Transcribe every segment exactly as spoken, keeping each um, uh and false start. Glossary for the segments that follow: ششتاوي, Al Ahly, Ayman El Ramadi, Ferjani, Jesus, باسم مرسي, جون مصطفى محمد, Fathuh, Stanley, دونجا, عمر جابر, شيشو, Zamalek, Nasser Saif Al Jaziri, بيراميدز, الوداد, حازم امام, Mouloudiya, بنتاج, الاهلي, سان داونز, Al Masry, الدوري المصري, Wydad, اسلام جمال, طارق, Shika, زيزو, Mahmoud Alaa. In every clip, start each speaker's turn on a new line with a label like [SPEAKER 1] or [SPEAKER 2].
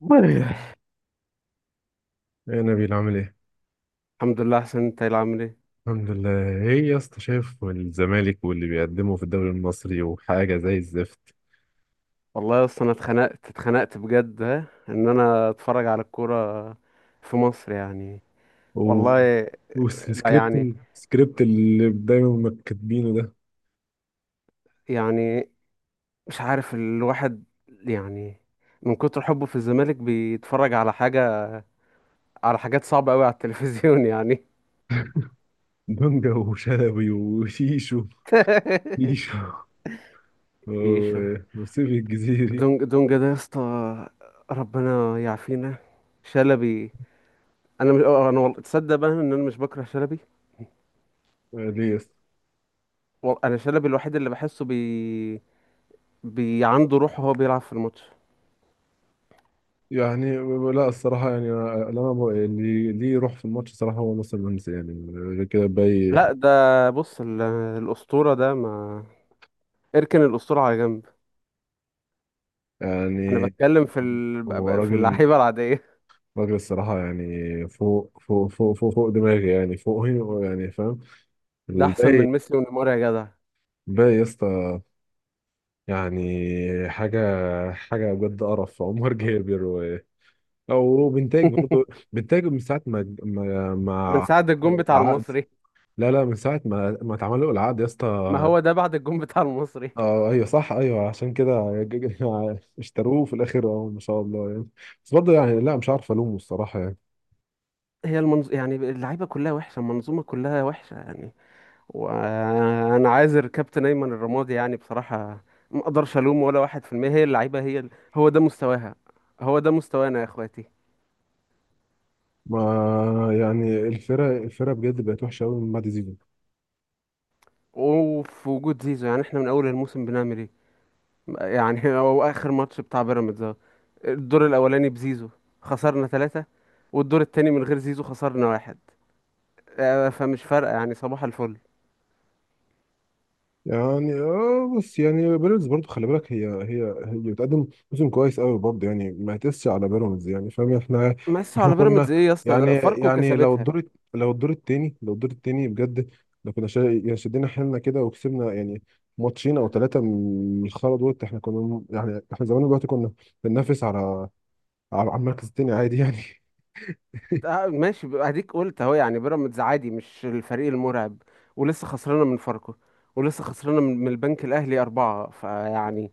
[SPEAKER 1] والله.
[SPEAKER 2] يا نبيل، عامل ايه؟
[SPEAKER 1] الحمد لله احسن، انت إيه اللي عامل ايه؟
[SPEAKER 2] الحمد لله. ايه يا اسطى، شايف الزمالك واللي بيقدمه في الدوري المصري وحاجة زي الزفت.
[SPEAKER 1] والله اصلا انا اتخنقت اتخنقت بجد ها ان انا اتفرج على الكوره في مصر يعني.
[SPEAKER 2] و...
[SPEAKER 1] والله. لا
[SPEAKER 2] والسكريبت
[SPEAKER 1] يعني.
[SPEAKER 2] السكريبت اللي دايما ما كاتبينه ده.
[SPEAKER 1] يعني مش عارف الواحد، يعني من كتر حبه في الزمالك بيتفرج على حاجه، على حاجات صعبه قوي على التلفزيون يعني.
[SPEAKER 2] دونجا وشلبي وشيشو. شيشو
[SPEAKER 1] يشو.
[SPEAKER 2] و- وسيف الجزيري.
[SPEAKER 1] دونج دونجا ده يا اسطى، ربنا يعافينا. شلبي، انا مش انا، والله تصدق بقى ان انا مش بكره شلبي.
[SPEAKER 2] آه، ليه يا اسطى؟
[SPEAKER 1] وال- انا شلبي الوحيد اللي بحسه بي بي عنده روح وهو بيلعب في الماتش.
[SPEAKER 2] يعني لا، الصراحة يعني أنا أنا ب- اللي ليه يروح في الماتش صراحة هو ناصر منسي، يعني غير كده باي.
[SPEAKER 1] لا ده، بص ال- الأسطورة ده، ما اركن الأسطورة على جنب. أنا
[SPEAKER 2] يعني
[SPEAKER 1] بتكلم في ال... ب-
[SPEAKER 2] هو
[SPEAKER 1] ب- في
[SPEAKER 2] راجل،
[SPEAKER 1] اللعيبة العادية.
[SPEAKER 2] راجل الصراحة يعني. فوق فوق فوق فوق فوق دماغي، يعني فوقي. يعني فاهم
[SPEAKER 1] ده أحسن من
[SPEAKER 2] الباقي.
[SPEAKER 1] ميسي ونيمار يا جدع.
[SPEAKER 2] الباقي يا اسطى يعني حاجة، حاجة بجد قرف. عمر جابر و... أو بنتاج برضه. بنتاج من ساعة ما ما
[SPEAKER 1] من
[SPEAKER 2] ما
[SPEAKER 1] ساعة الجون بتاع
[SPEAKER 2] العقد.
[SPEAKER 1] المصري.
[SPEAKER 2] لا لا، من ساعة ما ما اتعمل له العقد يا
[SPEAKER 1] ما
[SPEAKER 2] اسطى.
[SPEAKER 1] هو ده بعد الجون بتاع المصري.
[SPEAKER 2] اه ايوه صح، ايوه عشان كده. ج- ج- اشتروه في الاخر، اه ما شاء الله يعني. بس برضه يعني لا، مش عارف الومه الصراحة يعني.
[SPEAKER 1] هي المنظ... يعني اللعيبة كلها وحشة، المنظومة كلها وحشة يعني. وأنا عايزر كابتن أيمن الرمادي يعني بصراحة. ما أقدرش ألوم ولا واحد في المية، هي اللعيبة، هي ال- هو ده مستواها، هو ده مستوانا يا إخواتي.
[SPEAKER 2] ما يعني، الفرق الفرق بجد بقت وحشه قوي من بعد زيزو.
[SPEAKER 1] وفي وجود زيزو يعني احنا من اول الموسم بنعمل ايه؟ يعني هو اخر ماتش بتاع بيراميدز اهو. الدور الاولاني بزيزو خسرنا ثلاثة، والدور التاني من غير زيزو خسرنا واحد. آه، فمش فارقة يعني، صباح الفل.
[SPEAKER 2] يعني اه، بس يعني بيراميدز برضو خلي بالك، هي هي هي بتقدم موسم كويس قوي برضو يعني، ما تقسش على بيراميدز، يعني فاهم. احنا
[SPEAKER 1] مقيسها
[SPEAKER 2] احنا
[SPEAKER 1] على بيراميدز
[SPEAKER 2] كنا،
[SPEAKER 1] ايه يا اسطى؟
[SPEAKER 2] يعني
[SPEAKER 1] ده فاركو
[SPEAKER 2] يعني لو
[SPEAKER 1] كسبتها.
[SPEAKER 2] الدور، لو الدور التاني لو الدور التاني بجد، لو كنا شا- يعني شدينا حيلنا كده وكسبنا، يعني ماتشين او ثلاثه من الخرا دول، احنا كنا م- يعني احنا زمان، دلوقتي كنا بننافس على على على المركز التاني عادي يعني.
[SPEAKER 1] آه، ماشي ب- اديك قلت اهو يعني بيراميدز عادي، مش الفريق المرعب. ولسه خسرانة من فاركو، ولسه خسرانة من من البنك الاهلي اربعة فيعني.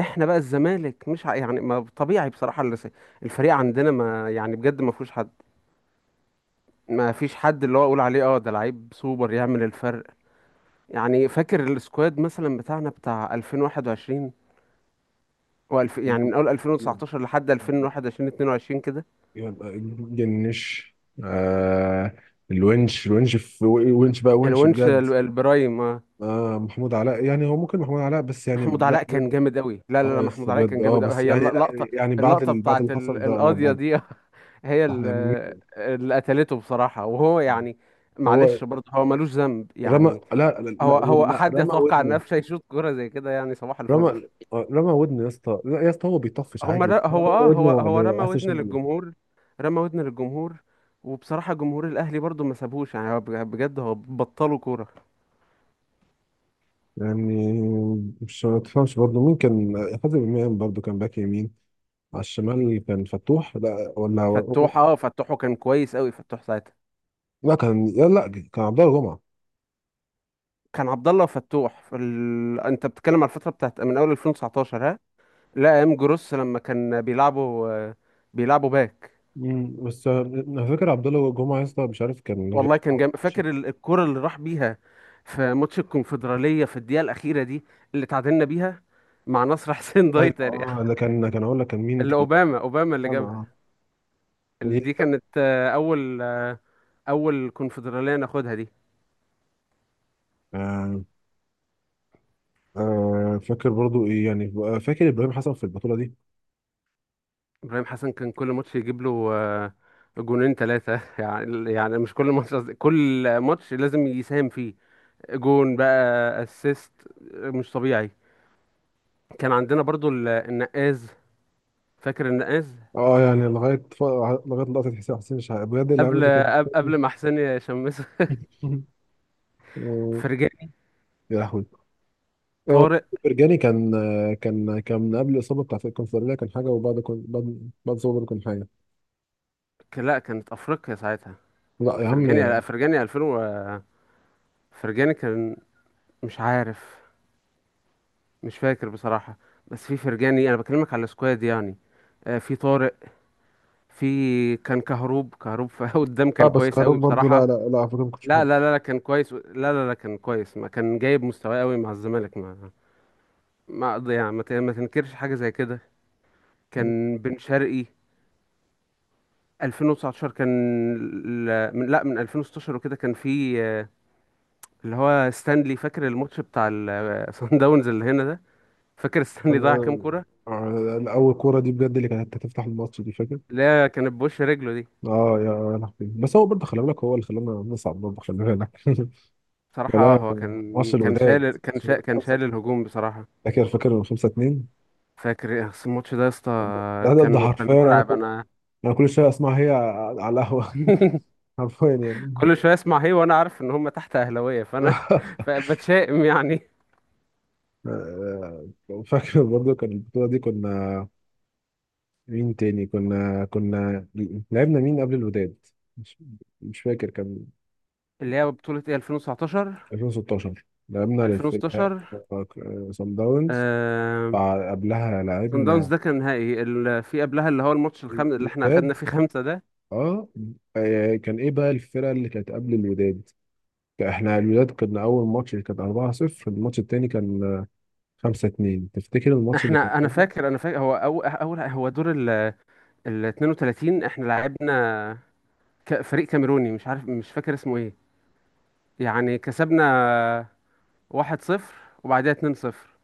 [SPEAKER 1] احنا بقى الزمالك مش ع- يعني ما طبيعي بصراحة اللي س- الفريق عندنا ما يعني بجد ما فيهوش حد، ما فيش حد اللي هو اقول عليه اه ده لعيب سوبر يعمل الفرق يعني. فاكر السكواد مثلا بتاعنا بتاع ألفين وواحد وعشرين، والف يعني من اول ألفين وتسعتاشر لحد ألفين وحداشر اتنين وعشرين كده.
[SPEAKER 2] يبقى جنش، آه. الونش الونش في ونش بقى، ونش
[SPEAKER 1] الونش،
[SPEAKER 2] بجد.
[SPEAKER 1] ال- البرايم آه.
[SPEAKER 2] آه محمود علاء، يعني هو ممكن محمود علاء بس،
[SPEAKER 1] محمود
[SPEAKER 2] يعني لا
[SPEAKER 1] علاء
[SPEAKER 2] بجد.
[SPEAKER 1] كان جامد قوي. لا لا
[SPEAKER 2] اه
[SPEAKER 1] لا،
[SPEAKER 2] يس
[SPEAKER 1] محمود علاء
[SPEAKER 2] بجد،
[SPEAKER 1] كان
[SPEAKER 2] اه
[SPEAKER 1] جامد قوي،
[SPEAKER 2] بس
[SPEAKER 1] هي
[SPEAKER 2] يعني لا.
[SPEAKER 1] اللقطة.
[SPEAKER 2] يعني بعد
[SPEAKER 1] اللقطة
[SPEAKER 2] ال... بعد اللي
[SPEAKER 1] بتاعت ال-
[SPEAKER 2] حصل ده، اه
[SPEAKER 1] القاضية
[SPEAKER 2] بعد.
[SPEAKER 1] دي، هي
[SPEAKER 2] صح
[SPEAKER 1] ال-
[SPEAKER 2] يعني.
[SPEAKER 1] اللي قتلته بصراحة وهو يعني،
[SPEAKER 2] هو
[SPEAKER 1] معلش برضه هو ملوش ذنب
[SPEAKER 2] رمى،
[SPEAKER 1] يعني.
[SPEAKER 2] لا لا
[SPEAKER 1] هو
[SPEAKER 2] لا,
[SPEAKER 1] هو
[SPEAKER 2] لا
[SPEAKER 1] حد
[SPEAKER 2] رمى
[SPEAKER 1] يتوقع ان
[SPEAKER 2] ودنه.
[SPEAKER 1] قفشه يشوط كرة زي كده يعني؟ صباح الفل.
[SPEAKER 2] رمى آه، رمى ودنه يا اسطى، لا يا اسطى، هو بيطفش
[SPEAKER 1] هم
[SPEAKER 2] عادي،
[SPEAKER 1] ر...
[SPEAKER 2] بس هو
[SPEAKER 1] هو
[SPEAKER 2] رمى
[SPEAKER 1] اه هو
[SPEAKER 2] ودنه
[SPEAKER 1] هو
[SPEAKER 2] على
[SPEAKER 1] رمى
[SPEAKER 2] اساس
[SPEAKER 1] ودن للجمهور، رمى ودن للجمهور. وبصراحة جمهور الأهلي برضو ما سابوش يعني، هو بج- بجد هو بطلوا كورة.
[SPEAKER 2] يعني. مش ما تفهمش برضه، مين كان؟ حازم امام برضه كان باك يمين. على الشمال كان فتوح، لا ولا.
[SPEAKER 1] فتوح اه، فتوحه كان كويس قوي، فتوح ساعتها.
[SPEAKER 2] لا كان، لا لا كان عبد الله جمعة.
[SPEAKER 1] كان عبد الله وفتوح في ال... انت بتتكلم على الفترة بتاعت من أول ألفين وتسعتاشر ها. لا ايام جروس لما كان بيلعبوا آه، بيلعبوا باك.
[SPEAKER 2] مم. بس انا فاكر عبد الله جمعة يا اسطى، مش عارف كان غير-
[SPEAKER 1] والله كان جامد، فاكر ال- الكورة اللي راح بيها في ماتش الكونفدرالية في الدقيقة الأخيرة دي، اللي تعادلنا بيها مع نصر حسين
[SPEAKER 2] ايوه،
[SPEAKER 1] دايتر يعني.
[SPEAKER 2] اه. ده كان كان اقول لك، كان مين
[SPEAKER 1] اللي
[SPEAKER 2] كان.
[SPEAKER 1] أوباما، أوباما اللي
[SPEAKER 2] انا اه،
[SPEAKER 1] جابها.
[SPEAKER 2] دي
[SPEAKER 1] ال-
[SPEAKER 2] اللي
[SPEAKER 1] دي
[SPEAKER 2] كان.
[SPEAKER 1] كانت آه، اول آه، اول كونفدراليه ناخدها دي.
[SPEAKER 2] آه. آه، فاكر برضو ايه يعني، آه، فاكر ابراهيم حسن في البطولة دي.
[SPEAKER 1] ابراهيم حسن كان كل ماتش يجيب له آه، جونين ثلاثه، يعني يعني مش كل ماتش قصدي، كل ماتش لازم يساهم فيه. جون بقى، اسيست، مش طبيعي. كان عندنا برضو ال- النقاز، فاكر النقاز.
[SPEAKER 2] اه يعني لغاية ف... لغاية لقطة حسين حسين شحاتة، بجد اللعبة
[SPEAKER 1] قبل
[SPEAKER 2] دي كانت.
[SPEAKER 1] قب- قبل ما حسين يشمسه.
[SPEAKER 2] آه،
[SPEAKER 1] فرجاني،
[SPEAKER 2] يا لهوي. هو
[SPEAKER 1] طارق.
[SPEAKER 2] برجاني كان، كان كان من قبل الاصابه بتاعت الكونفدراليه كان حاجه، وبعد كون بعد بعد الاصابه برضه كان حاجه.
[SPEAKER 1] ك- لا كانت افريقيا ساعتها.
[SPEAKER 2] لا يا
[SPEAKER 1] فرجاني
[SPEAKER 2] عم.
[SPEAKER 1] فرجاني ألفين و و- فرجاني كان، مش عارف، مش فاكر بصراحة. بس في فرجاني، انا بكلمك على السكواد يعني. آه، في طارق، في كان كهروب، كهروب في قدام
[SPEAKER 2] اه
[SPEAKER 1] كان
[SPEAKER 2] بس
[SPEAKER 1] كويس
[SPEAKER 2] كاروك
[SPEAKER 1] قوي
[SPEAKER 2] برضه، لا
[SPEAKER 1] بصراحة.
[SPEAKER 2] لا لا، على فكره ما كنتش
[SPEAKER 1] لا
[SPEAKER 2] بحبه.
[SPEAKER 1] لا لا لا كان كويس، لا. لا لا كان كويس، ما كان جايب مستواه قوي مع الزمالك، ما ما أقض- يعني ما ت- ما تنكرش حاجة زي كده. كان بن شرقي ألفين وتسعتاشر، كان ال- من لا من ألفين وستاشر وكده كان في آه، اللي هو ستانلي. فاكر الماتش بتاع الصن داونز اللي هنا ده، فاكر ستانلي
[SPEAKER 2] كان،
[SPEAKER 1] ضيع كام كورة.
[SPEAKER 2] آه، اول كوره دي بجد اللي كانت هتفتح الماتش دي، فاكر؟
[SPEAKER 1] لا كانت بوش رجله.
[SPEAKER 2] اه يا لهوي. بس هو برضه خلي بالك، هو اللي خلانا نصعد، برضه خلي بالك.
[SPEAKER 1] بصراحة آه،
[SPEAKER 2] ولا
[SPEAKER 1] هو كان
[SPEAKER 2] ماتش
[SPEAKER 1] كان
[SPEAKER 2] الوداد
[SPEAKER 1] شايل كان
[SPEAKER 2] ماتش
[SPEAKER 1] شا...
[SPEAKER 2] الوداد
[SPEAKER 1] كان
[SPEAKER 2] 5
[SPEAKER 1] شايل
[SPEAKER 2] 2
[SPEAKER 1] الهجوم بصراحة.
[SPEAKER 2] فاكر فاكر خمسة اتنين.
[SPEAKER 1] فاكر إيه، أصل الماتش ده يا اسطى؟
[SPEAKER 2] ده ده ده
[SPEAKER 1] كان كان
[SPEAKER 2] حرفيا، انا
[SPEAKER 1] مرعب.
[SPEAKER 2] كنت،
[SPEAKER 1] انا
[SPEAKER 2] انا كل شويه اسمع هي على القهوه. حرفيا يعني.
[SPEAKER 1] كل شوية اسمع هي، وانا عارف ان هم تحت اهلاوية، فانا فبتشائم يعني.
[SPEAKER 2] آه، آه، فاكر برضو كان البطولة دي كنا، مين تاني كنا كنا لعبنا مين قبل الوداد؟ مش, مش فاكر. كان
[SPEAKER 1] اللي هي بطولة ايه، ألفين وتسعتاشر؟
[SPEAKER 2] ألفين وستاشر لعبنا للفرقة
[SPEAKER 1] ألفين وستاشر.
[SPEAKER 2] سان داونز.
[SPEAKER 1] آه...
[SPEAKER 2] بع- قبلها
[SPEAKER 1] صن داونز
[SPEAKER 2] لعبنا
[SPEAKER 1] ده كان نهائي ال... في قبلها اللي هو الماتش الخامس اللي احنا اخدنا
[SPEAKER 2] الوداد،
[SPEAKER 1] فيه خمسة ده.
[SPEAKER 2] اه. آه، كان ايه بقى الفرقة اللي كانت قبل الوداد؟ احنا الوداد كنا اول ماتش كان اربعة صفر، الماتش التاني كان خمسة اتنين، تفتكر الماتش اللي كان
[SPEAKER 1] احنا، انا
[SPEAKER 2] قبله؟
[SPEAKER 1] فاكر انا فاكر هو اول اول هو دور ال ال اثنين وثلاثين احنا لعبنا ك- فريق كاميروني مش عارف، مش فاكر اسمه ايه يعني. كسبنا واحد صفر، وبعديها اتنين صفر،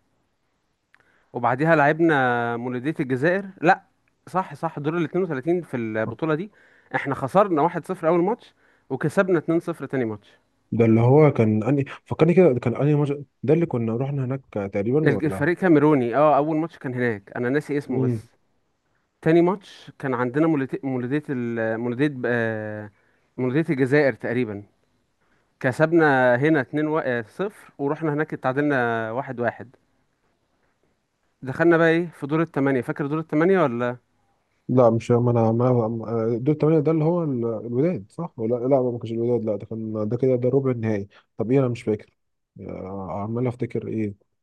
[SPEAKER 1] وبعديها لعبنا مولودية الجزائر. لا صح صح، دور ال اثنين وثلاثين في البطولة دي احنا خسرنا واحد صفر أول ماتش، وكسبنا اتنين صفر تاني ماتش.
[SPEAKER 2] ده اللي هو كان اني فكرني كده، كان اني مج... ده اللي كنا رحنا هناك تقريبا،
[SPEAKER 1] الج-
[SPEAKER 2] ولا؟
[SPEAKER 1] الفريق كاميروني اه أول ماتش كان هناك، أنا ناسي اسمه
[SPEAKER 2] مم.
[SPEAKER 1] بس. تاني ماتش كان عندنا مولودية، مولودية ال- مولودية آه، مولودية الجزائر تقريبا. كسبنا هنا اتنين وا- آه، صفر، ورحنا هناك اتعادلنا واحد واحد. دخلنا بقى ايه في دور التمانية، فاكر دور التمانية ولا؟
[SPEAKER 2] لا مش ما انا ما أنا- دول الثمانية، ده اللي هو ال- الوداد صح؟ ولا لا، ما كانش الوداد، لا، ده كان، ده كده، ده ربع النهائي. طب ايه؟ انا مش فاكر. آه، عمال افتكر ايه.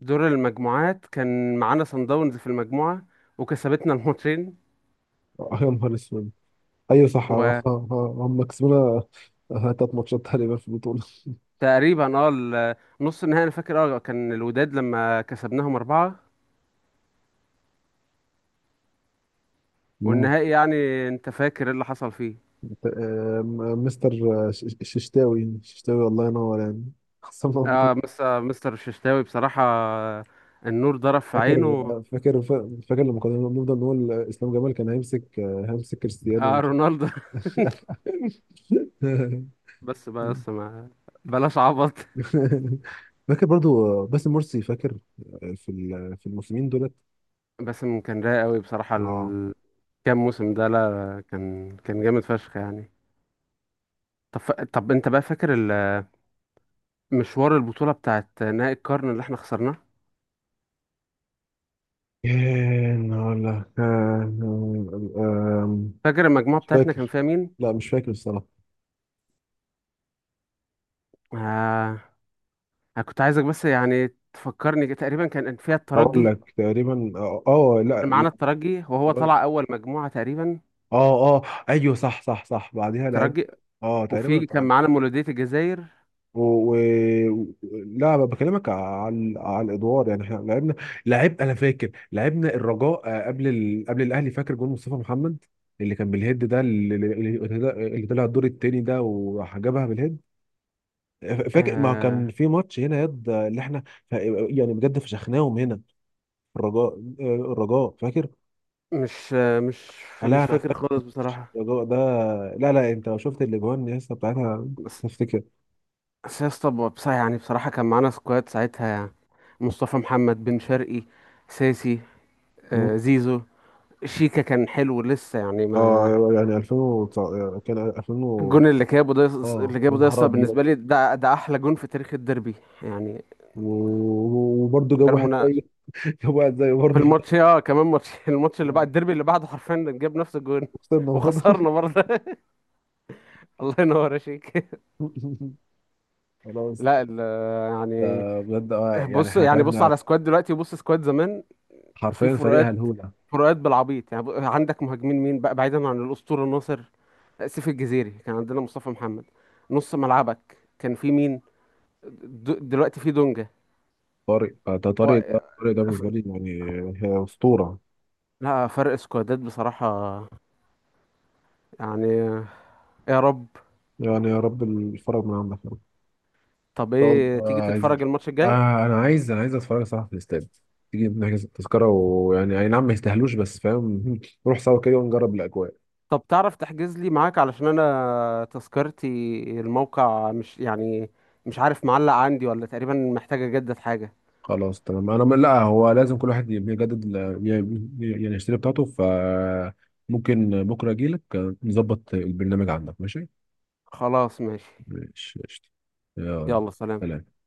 [SPEAKER 1] دور المجموعات كان معانا صن داونز في المجموعة وكسبتنا الماتشين.
[SPEAKER 2] آه، يا نهار اسود. ايوه صح، آه، آه، آه، هم كسبونا، آه، تلات ماتشات تقريبا في البطولة.
[SPEAKER 1] وتقريبا اه ال- نص النهائي انا فاكر اه كان الوداد لما كسبناهم أربعة.
[SPEAKER 2] مم.
[SPEAKER 1] والنهائي يعني انت فاكر ايه اللي حصل فيه.
[SPEAKER 2] آه، م- مستر، آه، ش- ش- ششتاوي ششتاوي، الله ينور يعني. خسرنا
[SPEAKER 1] اه
[SPEAKER 2] البطولة.
[SPEAKER 1] مستر مستر الششتاوي بصراحة، النور ضرب في
[SPEAKER 2] فاكر
[SPEAKER 1] عينه.
[SPEAKER 2] فاكر فاكر لما كنا بنفضل نقول اسلام جمال كان هيمسك هيمسك كريستيانو
[SPEAKER 1] اه
[SPEAKER 2] ومش-
[SPEAKER 1] رونالدو. بس بس ما بلاش عبط.
[SPEAKER 2] فاكر برضو باسم مرسي، فاكر في ال- في الموسمين دولت.
[SPEAKER 1] بس كان رايق قوي بصراحة
[SPEAKER 2] اه
[SPEAKER 1] ال- كام موسم ده، لا كان كان جامد فشخ يعني. طب ف... طب انت بقى فاكر مشوار البطولة بتاعت نهائي القرن اللي احنا خسرناه؟
[SPEAKER 2] كان ولا كان. آم،
[SPEAKER 1] فاكر المجموعة
[SPEAKER 2] مش
[SPEAKER 1] بتاعتنا كان
[SPEAKER 2] فاكر،
[SPEAKER 1] فيها مين؟
[SPEAKER 2] لا مش فاكر الصراحة.
[SPEAKER 1] آه، أنا كنت عايزك بس يعني تفكرني كده. تقريبا كان فيها
[SPEAKER 2] هقول
[SPEAKER 1] الترجي،
[SPEAKER 2] لك تقريبا، اه آه، لا
[SPEAKER 1] كان
[SPEAKER 2] لا.
[SPEAKER 1] معانا الترجي وهو طلع أول مجموعة تقريبا،
[SPEAKER 2] اه اه ايوه صح صح صح، بعديها لعب،
[SPEAKER 1] الترجي.
[SPEAKER 2] اه تقريبا.
[SPEAKER 1] وفي كان معانا مولودية الجزائر.
[SPEAKER 2] و... و... لا، بكلمك على على الادوار يعني، احنا لعبنا، لعب انا فاكر لعبنا الرجاء، آه، قبل ال... قبل الاهلي، فاكر جون مصطفى محمد اللي كان بالهيد ده، اللي, اللي اللي طلع الدور التاني ده، وراح جابها بالهيد. فاكر ما كان
[SPEAKER 1] آه
[SPEAKER 2] في ماتش هنا يد اللي احنا ف- يعني بجد فشخناهم هنا، الرجاء. آه، الرجاء فاكر.
[SPEAKER 1] مش آه مش
[SPEAKER 2] آه، لا
[SPEAKER 1] مش
[SPEAKER 2] انا
[SPEAKER 1] فاكر
[SPEAKER 2] فاكر
[SPEAKER 1] خالص بصراحة.
[SPEAKER 2] الرجاء ده. لا لا، انت لو شفت الاجوان لسه بتاعتها
[SPEAKER 1] بس
[SPEAKER 2] تفتكر.
[SPEAKER 1] بس يا اسطى بصراحة يعني، بصراحة كان معانا سكواد ساعتها يعني مصطفى محمد، بن شرقي، ساسي،
[SPEAKER 2] مم.
[SPEAKER 1] آه زيزو، شيكا كان حلو لسه يعني
[SPEAKER 2] اه
[SPEAKER 1] ما.
[SPEAKER 2] يعني ألفين، كان ألفين،
[SPEAKER 1] الجون اللي جابه ده،
[SPEAKER 2] اه
[SPEAKER 1] اللي
[SPEAKER 2] يا
[SPEAKER 1] جابه ده
[SPEAKER 2] نهار
[SPEAKER 1] يسطا
[SPEAKER 2] ابيض.
[SPEAKER 1] بالنسبه لي ده ده احلى جون في تاريخ الديربي يعني،
[SPEAKER 2] و- وبرضه
[SPEAKER 1] من
[SPEAKER 2] جاب
[SPEAKER 1] غير
[SPEAKER 2] واحد زيه.
[SPEAKER 1] مناقشه.
[SPEAKER 2] جاب واحد زيه
[SPEAKER 1] في
[SPEAKER 2] برضه في
[SPEAKER 1] الماتش
[SPEAKER 2] الآخر.
[SPEAKER 1] اه، كمان ماتش الماتش اللي بعد الديربي اللي بعده حرفيا جاب نفس الجون.
[SPEAKER 2] وخسرنا برضه.
[SPEAKER 1] وخسرنا برضه. الله ينور يا شيك.
[SPEAKER 2] خلاص
[SPEAKER 1] لا
[SPEAKER 2] ده.
[SPEAKER 1] ال- يعني
[SPEAKER 2] بجد، اه يعني،
[SPEAKER 1] بص،
[SPEAKER 2] احنا
[SPEAKER 1] يعني بص
[SPEAKER 2] تعبنا أوي.
[SPEAKER 1] على سكواد دلوقتي وبص سكواد زمان، في
[SPEAKER 2] حرفيا فريق
[SPEAKER 1] فروقات،
[SPEAKER 2] هلهولة.
[SPEAKER 1] فروقات بالعبيط يعني. ب- عندك مهاجمين مين بقى بعيدا عن الاسطوره ناصر؟ سيف الجزيري، كان عندنا مصطفى محمد. نص ملعبك كان في مين؟ د- دلوقتي في دونجا.
[SPEAKER 2] طارق، آه، ده طارق ده طارق ده بالنسبة لي يعني، هي أسطورة.
[SPEAKER 1] لا فرق سكوادات بصراحة يعني. يا رب.
[SPEAKER 2] يعني يا رب الفرج من عندك يا رب.
[SPEAKER 1] طب
[SPEAKER 2] ان شاء
[SPEAKER 1] ايه،
[SPEAKER 2] الله،
[SPEAKER 1] تيجي
[SPEAKER 2] عايز.
[SPEAKER 1] تتفرج الماتش الجاي؟
[SPEAKER 2] آه انا عايز، انا عايز اتفرج صراحة في الاستاد. تيجي نحجز التذكرة، ويعني اي نعم، ما يستاهلوش، بس فاهم نروح سوا كده ونجرب الاجواء.
[SPEAKER 1] طب تعرف تحجز لي معاك؟ علشان انا تذكرتي، الموقع مش يعني، مش عارف معلق عندي ولا، تقريبا محتاجة اجدد حاجة.
[SPEAKER 2] خلاص تمام، انا م- لا، هو لازم كل واحد يجدد ال- ي- يعني يشتري بتاعته، فممكن بكره اجي لك نظبط البرنامج عندك، ماشي؟
[SPEAKER 1] خلاص ماشي.
[SPEAKER 2] ماشي قشطة. يلا
[SPEAKER 1] يلا سلام.
[SPEAKER 2] سلام.